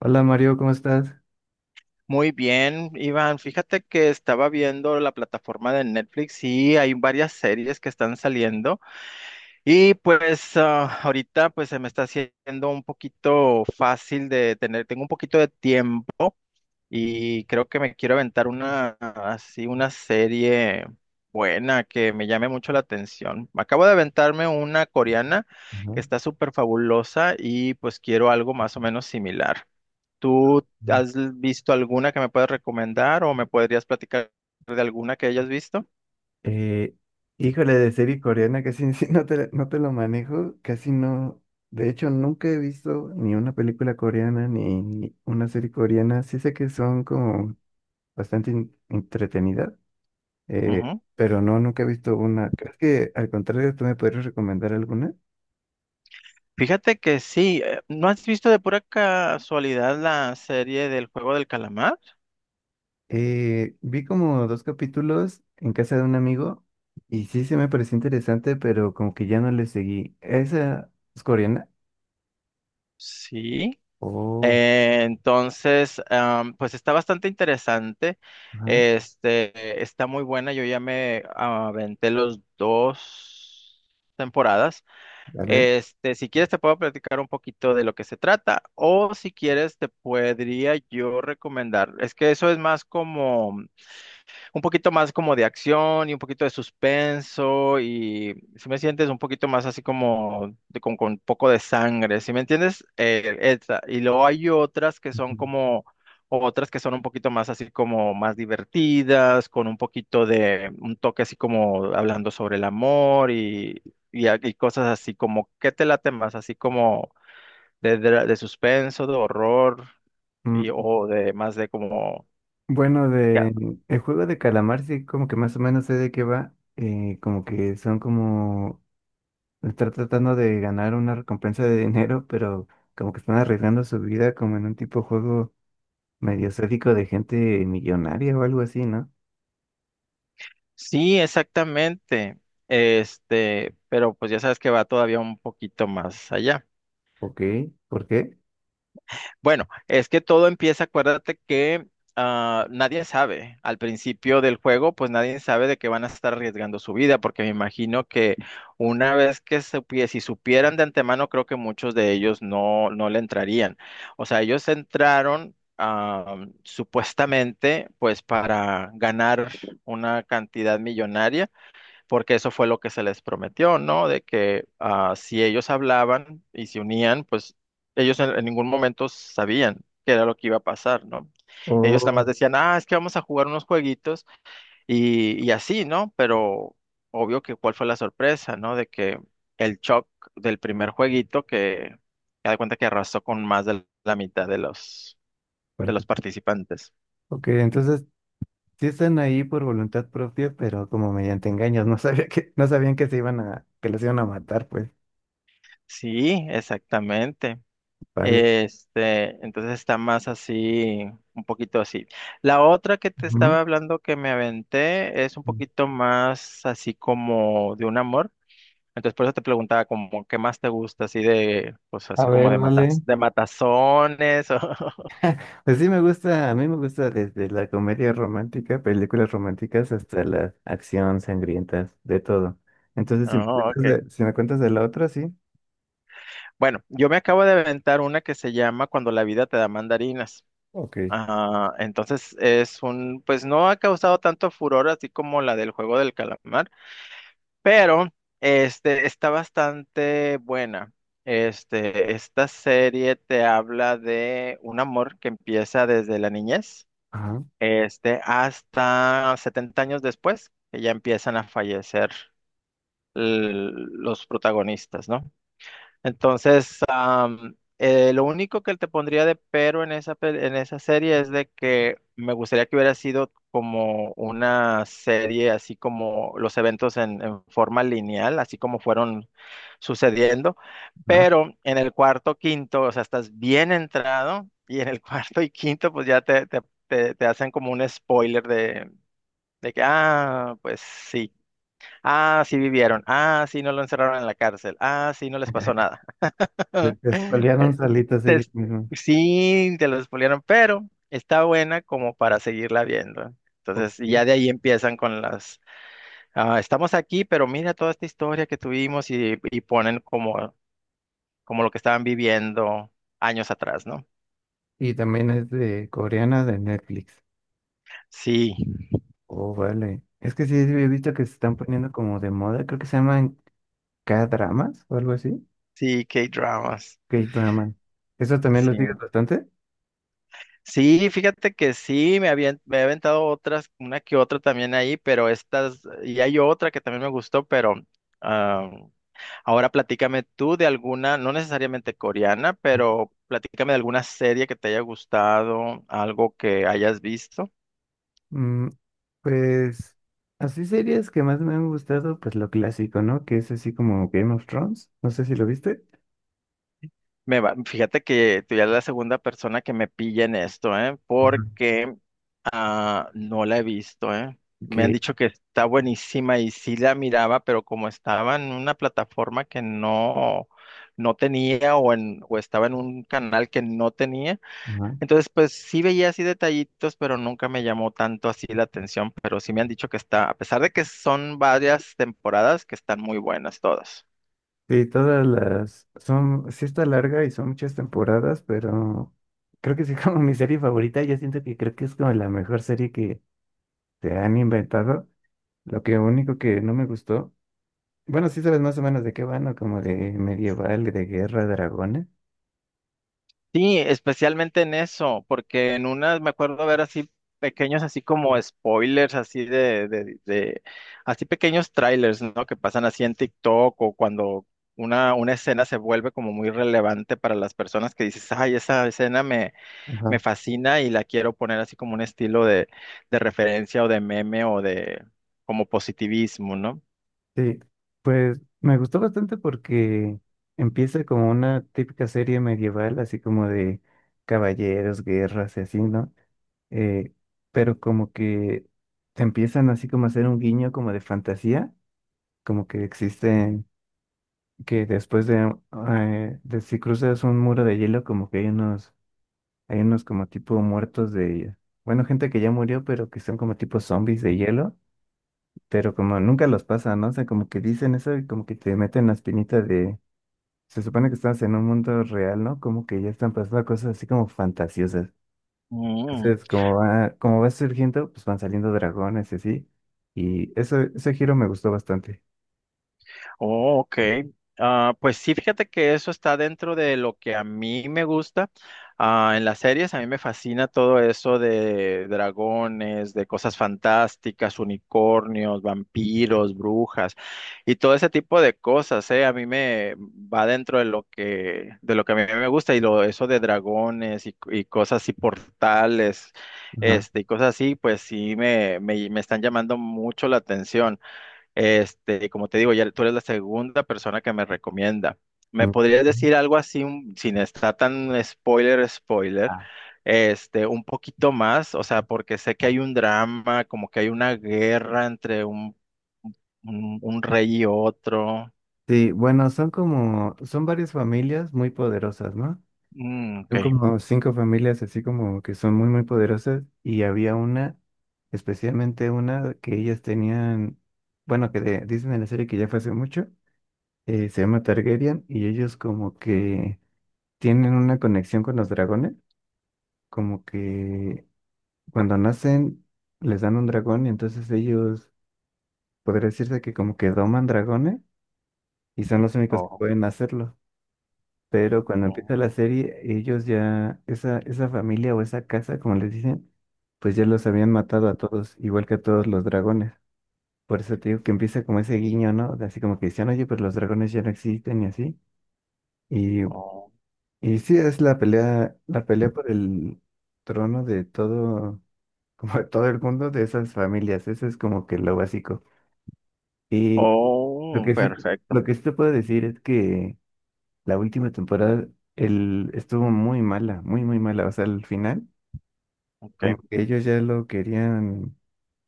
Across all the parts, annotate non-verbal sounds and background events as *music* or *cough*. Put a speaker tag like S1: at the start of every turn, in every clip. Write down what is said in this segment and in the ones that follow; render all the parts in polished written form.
S1: Hola Mario, ¿cómo estás?
S2: Muy bien, Iván. Fíjate que estaba viendo la plataforma de Netflix y hay varias series que están saliendo y pues ahorita pues se me está haciendo un poquito fácil de tener, tengo un poquito de tiempo y creo que me quiero aventar una así una serie buena que me llame mucho la atención. Acabo de aventarme una coreana que
S1: Ajá.
S2: está súper fabulosa y pues quiero algo más o menos similar. ¿Tú visto alguna que me puedas recomendar o me podrías platicar de alguna que hayas visto?
S1: Eh, Híjole, de serie coreana casi *laughs* sí, no te lo manejo, casi no. De hecho, nunca he visto ni una película coreana ni una serie coreana. Sí sé que son como bastante entretenidas,
S2: Ujú.
S1: pero no, nunca he visto una. Creo que al contrario, tú me podrías recomendar alguna.
S2: Fíjate que sí, ¿no has visto de pura casualidad la serie del juego del calamar?
S1: Vi como dos capítulos en casa de un amigo y sí se me pareció interesante, pero como que ya no le seguí. ¿Esa es coreana?
S2: Sí.
S1: Oh,
S2: Entonces, pues está bastante interesante.
S1: ajá,
S2: Este, está muy buena. Yo ya me aventé los dos temporadas.
S1: vale.
S2: Este, si quieres te puedo platicar un poquito de lo que se trata, o si quieres te podría yo recomendar. Es que eso es más como un poquito más como de acción y un poquito de suspenso, y si me sientes un poquito más así como con un poco de sangre, ¿si me entiendes? Esa. Y luego hay otras que son
S1: Ujú.
S2: como, otras que son un poquito más así como más divertidas, con un poquito de un toque así como hablando sobre el amor y, y cosas así como, ¿qué te late más? Así como de, de suspenso, de horror
S1: Mm,
S2: y o de más de como.
S1: bueno, de el juego de calamar sí como que más o menos sé de qué va, como que son como estar tratando de ganar una recompensa de dinero, pero como que están arriesgando su vida como en un tipo juego medio sádico de gente millonaria o algo así, ¿no?
S2: Sí, exactamente. Este, pero pues ya sabes que va todavía un poquito más allá.
S1: Ok. ¿Por qué?
S2: Bueno, es que todo empieza, acuérdate que nadie sabe. Al principio del juego, pues nadie sabe de que van a estar arriesgando su vida, porque me imagino que una vez que si supieran de antemano, creo que muchos de ellos no, no le entrarían. O sea, ellos entraron, supuestamente pues para ganar una cantidad millonaria porque eso fue lo que se les prometió, ¿no? De que, si ellos hablaban y se unían, pues ellos en ningún momento sabían qué era lo que iba a pasar, ¿no? Ellos nada
S1: Oh,
S2: más decían, es que vamos a jugar unos jueguitos y así, ¿no? Pero obvio que cuál fue la sorpresa, ¿no? De que el shock del primer jueguito, que me da cuenta que arrasó con más de la mitad de
S1: fuerte.
S2: los participantes.
S1: Ok, entonces sí están ahí por voluntad propia, pero como mediante engaños, no sabían que se iban a, que los iban a matar, pues.
S2: Sí, exactamente.
S1: Vale.
S2: Este, entonces está más así, un poquito así. La otra que te
S1: Ujú.
S2: estaba hablando que me aventé es un poquito más así como de un amor. Entonces por eso te preguntaba como qué más te gusta, así de, pues
S1: A
S2: así como
S1: ver,
S2: de matas,
S1: vale.
S2: de matazones. O- *laughs*
S1: Pues sí me gusta, a mí me gusta desde la comedia romántica, películas románticas, hasta la acción sangrientas, de todo. Entonces,
S2: Oh, okay.
S1: si me cuentas de la otra, sí.
S2: Bueno, yo me acabo de aventar una que se llama Cuando la vida te da mandarinas.
S1: Ok.
S2: Ah, entonces es un, pues no ha causado tanto furor así como la del juego del calamar. Pero este está bastante buena. Este, esta serie te habla de un amor que empieza desde la niñez,
S1: Ajá.
S2: este, hasta 70 años después, que ya empiezan a fallecer los protagonistas, ¿no? Entonces, lo único que te pondría de pero en esa, en esa serie es de que me gustaría que hubiera sido como una serie, así como los eventos en forma lineal, así como fueron sucediendo,
S1: Ajá.
S2: pero en el cuarto, quinto, o sea, estás bien entrado, y en el *laughs* cuarto y quinto, pues ya te hacen como un spoiler de que, pues sí, sí vivieron, sí no lo encerraron en la cárcel, sí no les pasó nada.
S1: Se se espolearon salitas
S2: Te-
S1: ellas
S2: es-
S1: mismas.
S2: sí, te lo spoilearon, pero está buena como para seguirla viendo. Entonces, y
S1: Ok.
S2: ya de ahí empiezan con las, estamos aquí, pero mira toda esta historia que tuvimos, y ponen como, como lo que estaban viviendo años atrás, ¿no?
S1: Y también es de coreana de Netflix.
S2: Sí,
S1: Oh, vale. Es que sí, sí he visto que se están poniendo como de moda, creo que se llaman K-dramas o algo así.
S2: sí, K-dramas.
S1: K-dramas. ¿Eso también lo
S2: Sí.
S1: sigues bastante?
S2: Sí, fíjate que sí, me he aventado otras, una que otra también ahí, pero estas, y hay otra que también me gustó, pero ah, ahora platícame tú de alguna, no necesariamente coreana, pero platícame de alguna serie que te haya gustado, algo que hayas visto.
S1: Mm, pues así series que más me han gustado, pues lo clásico, ¿no? Que es así como Game of Thrones, no sé si lo viste.
S2: Fíjate que tú ya eres la segunda persona que me pilla en esto, ¿eh?
S1: Ajá.
S2: Porque no la he visto, ¿eh? Me han
S1: Que
S2: dicho que está buenísima y sí la miraba, pero como estaba en una plataforma que no, no tenía o, en, o estaba en un canal que no tenía.
S1: ajá.
S2: Entonces, pues sí veía así detallitos, pero nunca me llamó tanto así la atención, pero sí me han dicho que está, a pesar de que son varias temporadas, que están muy buenas todas.
S1: Sí, todas las son, sí está larga y son muchas temporadas, pero creo que sí *laughs* como mi serie favorita, yo siento que creo que es como la mejor serie que se han inventado. Lo que único que no me gustó, bueno, sí sabes más o menos de qué van, ¿no? Como de medieval, de guerra, dragones.
S2: Sí, especialmente en eso, porque en unas me acuerdo ver así pequeños, así como spoilers, así de, así pequeños trailers, ¿no? Que pasan así en TikTok, o cuando una escena se vuelve como muy relevante para las personas que dices, ay, esa escena me fascina y la quiero poner así como un estilo de referencia o de meme o de como positivismo, ¿no?
S1: Sí, pues me gustó bastante porque empieza como una típica serie medieval, así como de caballeros, guerras y así, ¿no? Eh, pero como que te empiezan así como a hacer un guiño como de fantasía, como que existen, que después de, de si cruzas un muro de hielo, como que hay unos como tipo muertos de, bueno, gente que ya murió, pero que son como tipo zombies de hielo pero como nunca los pasa, ¿no? O sea, como que dicen eso y como que te meten la espinita de, se supone que estás en un mundo real, ¿no? Como que ya están pasando cosas así como fantasiosas.
S2: Mm.
S1: Entonces, como va surgiendo, pues van saliendo dragones y así. Y eso, ese giro me gustó bastante.
S2: Oh, ok. Ah, pues sí, fíjate que eso está dentro de lo que a mí me gusta. Ah, en las series a mí me fascina todo eso de dragones, de cosas fantásticas, unicornios, vampiros, brujas y todo ese tipo de cosas, ¿eh? A mí me va dentro de lo que a mí me gusta y lo, eso de dragones y cosas y portales,
S1: Ajá.
S2: este, y cosas así, pues sí me, me están llamando mucho la atención. Este, como te digo, ya tú eres la segunda persona que me recomienda. ¿Me
S1: Y-
S2: podrías decir algo así, sin estar tan spoiler, spoiler,
S1: Ah.
S2: este, un poquito más? O sea, porque sé que hay un drama, como que hay una guerra entre un, un rey y otro.
S1: Sí, bueno, son varias familias muy poderosas, ¿no?
S2: Mm, ok.
S1: Son como cinco familias así como que son muy, muy poderosas y había una, especialmente una que ellas tenían, bueno, dicen en la serie que ya fue hace mucho, se llama Targaryen y ellos como que tienen una conexión con los dragones, como que cuando nacen les dan un dragón y entonces ellos, podría decirse que como que doman dragones y son los únicos que
S2: Oh,
S1: pueden hacerlo. Pero cuando
S2: oh,
S1: empieza la serie, ellos ya, esa familia o esa casa, como les dicen, pues ya los habían matado a todos, igual que a todos los dragones. Por eso te digo que empieza como ese guiño, ¿no? De así como que decían, oye, pero los dragones ya no existen y así. Y,
S2: oh,
S1: y sí, es la pelea por el trono de todo, *laughs* como de todo el mundo de esas familias. Eso es como que lo básico. Y lo
S2: oh,
S1: que sí,
S2: perfecto.
S1: lo que sí te puedo decir es que la última temporada estuvo muy mala, muy mala. O sea, al final,
S2: Ok,
S1: como que ellos ya lo querían,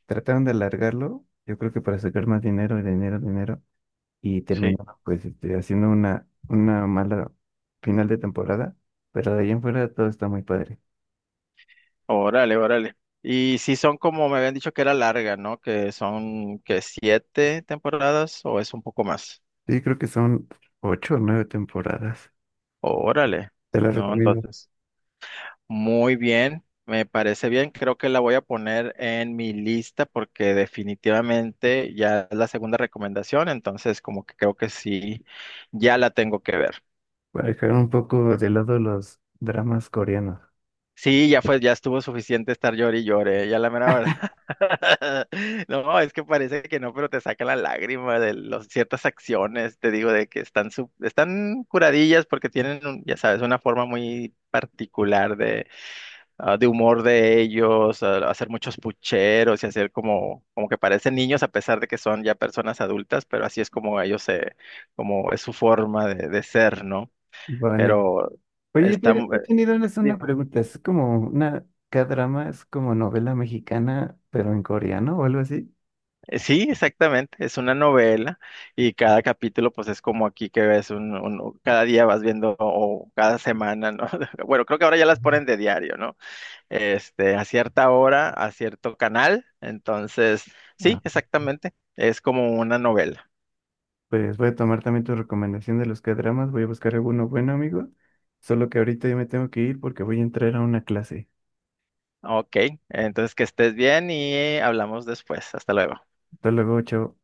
S1: trataron de alargarlo, yo creo que para sacar más dinero, dinero, dinero, y
S2: sí.
S1: terminaron pues este, haciendo una mala final de temporada, pero de ahí en fuera todo está muy padre.
S2: Órale, órale. Y si son como me habían dicho que era larga, ¿no? Que son que 7 temporadas o es un poco más.
S1: Sí, creo que son ocho o nueve temporadas.
S2: Órale,
S1: Te la
S2: ¿no?
S1: recomiendo.
S2: Entonces, muy bien, me parece bien. Creo que la voy a poner en mi lista porque definitivamente ya es la segunda recomendación, entonces como que creo que sí, ya la tengo que ver.
S1: Para dejar un poco de lado los dramas coreanos.
S2: Sí, ya fue, ya estuvo suficiente estar llore y llore. Ya la mera *laughs* No, es que parece que no, pero te saca la lágrima de los, ciertas acciones, te digo, de que están, están curadillas porque tienen, ya sabes, una forma muy particular de, de humor de ellos, hacer muchos pucheros y hacer como, como que parecen niños a pesar de que son ya personas adultas, pero así es como ellos se, como es su forma de ser, ¿no?
S1: Vale.
S2: Pero
S1: Oye,
S2: está,
S1: yo tenía una
S2: dime.
S1: pregunta. ¿Es como una K-drama? ¿Es como novela mexicana, pero en coreano o algo así?
S2: Sí, exactamente, es una novela y cada capítulo pues es como aquí que ves un, cada día vas viendo o cada semana, ¿no? *laughs* Bueno, creo que ahora ya las
S1: Ujú.
S2: ponen de diario, ¿no? Este, a cierta hora, a cierto canal, entonces, sí,
S1: Ah,
S2: exactamente, es como una novela.
S1: pues voy a tomar también tu recomendación de los K-dramas. Voy a buscar alguno bueno, amigo. Solo que ahorita yo me tengo que ir porque voy a entrar a una clase.
S2: Ok, entonces que estés bien y hablamos después. Hasta luego.
S1: Hasta luego, chao.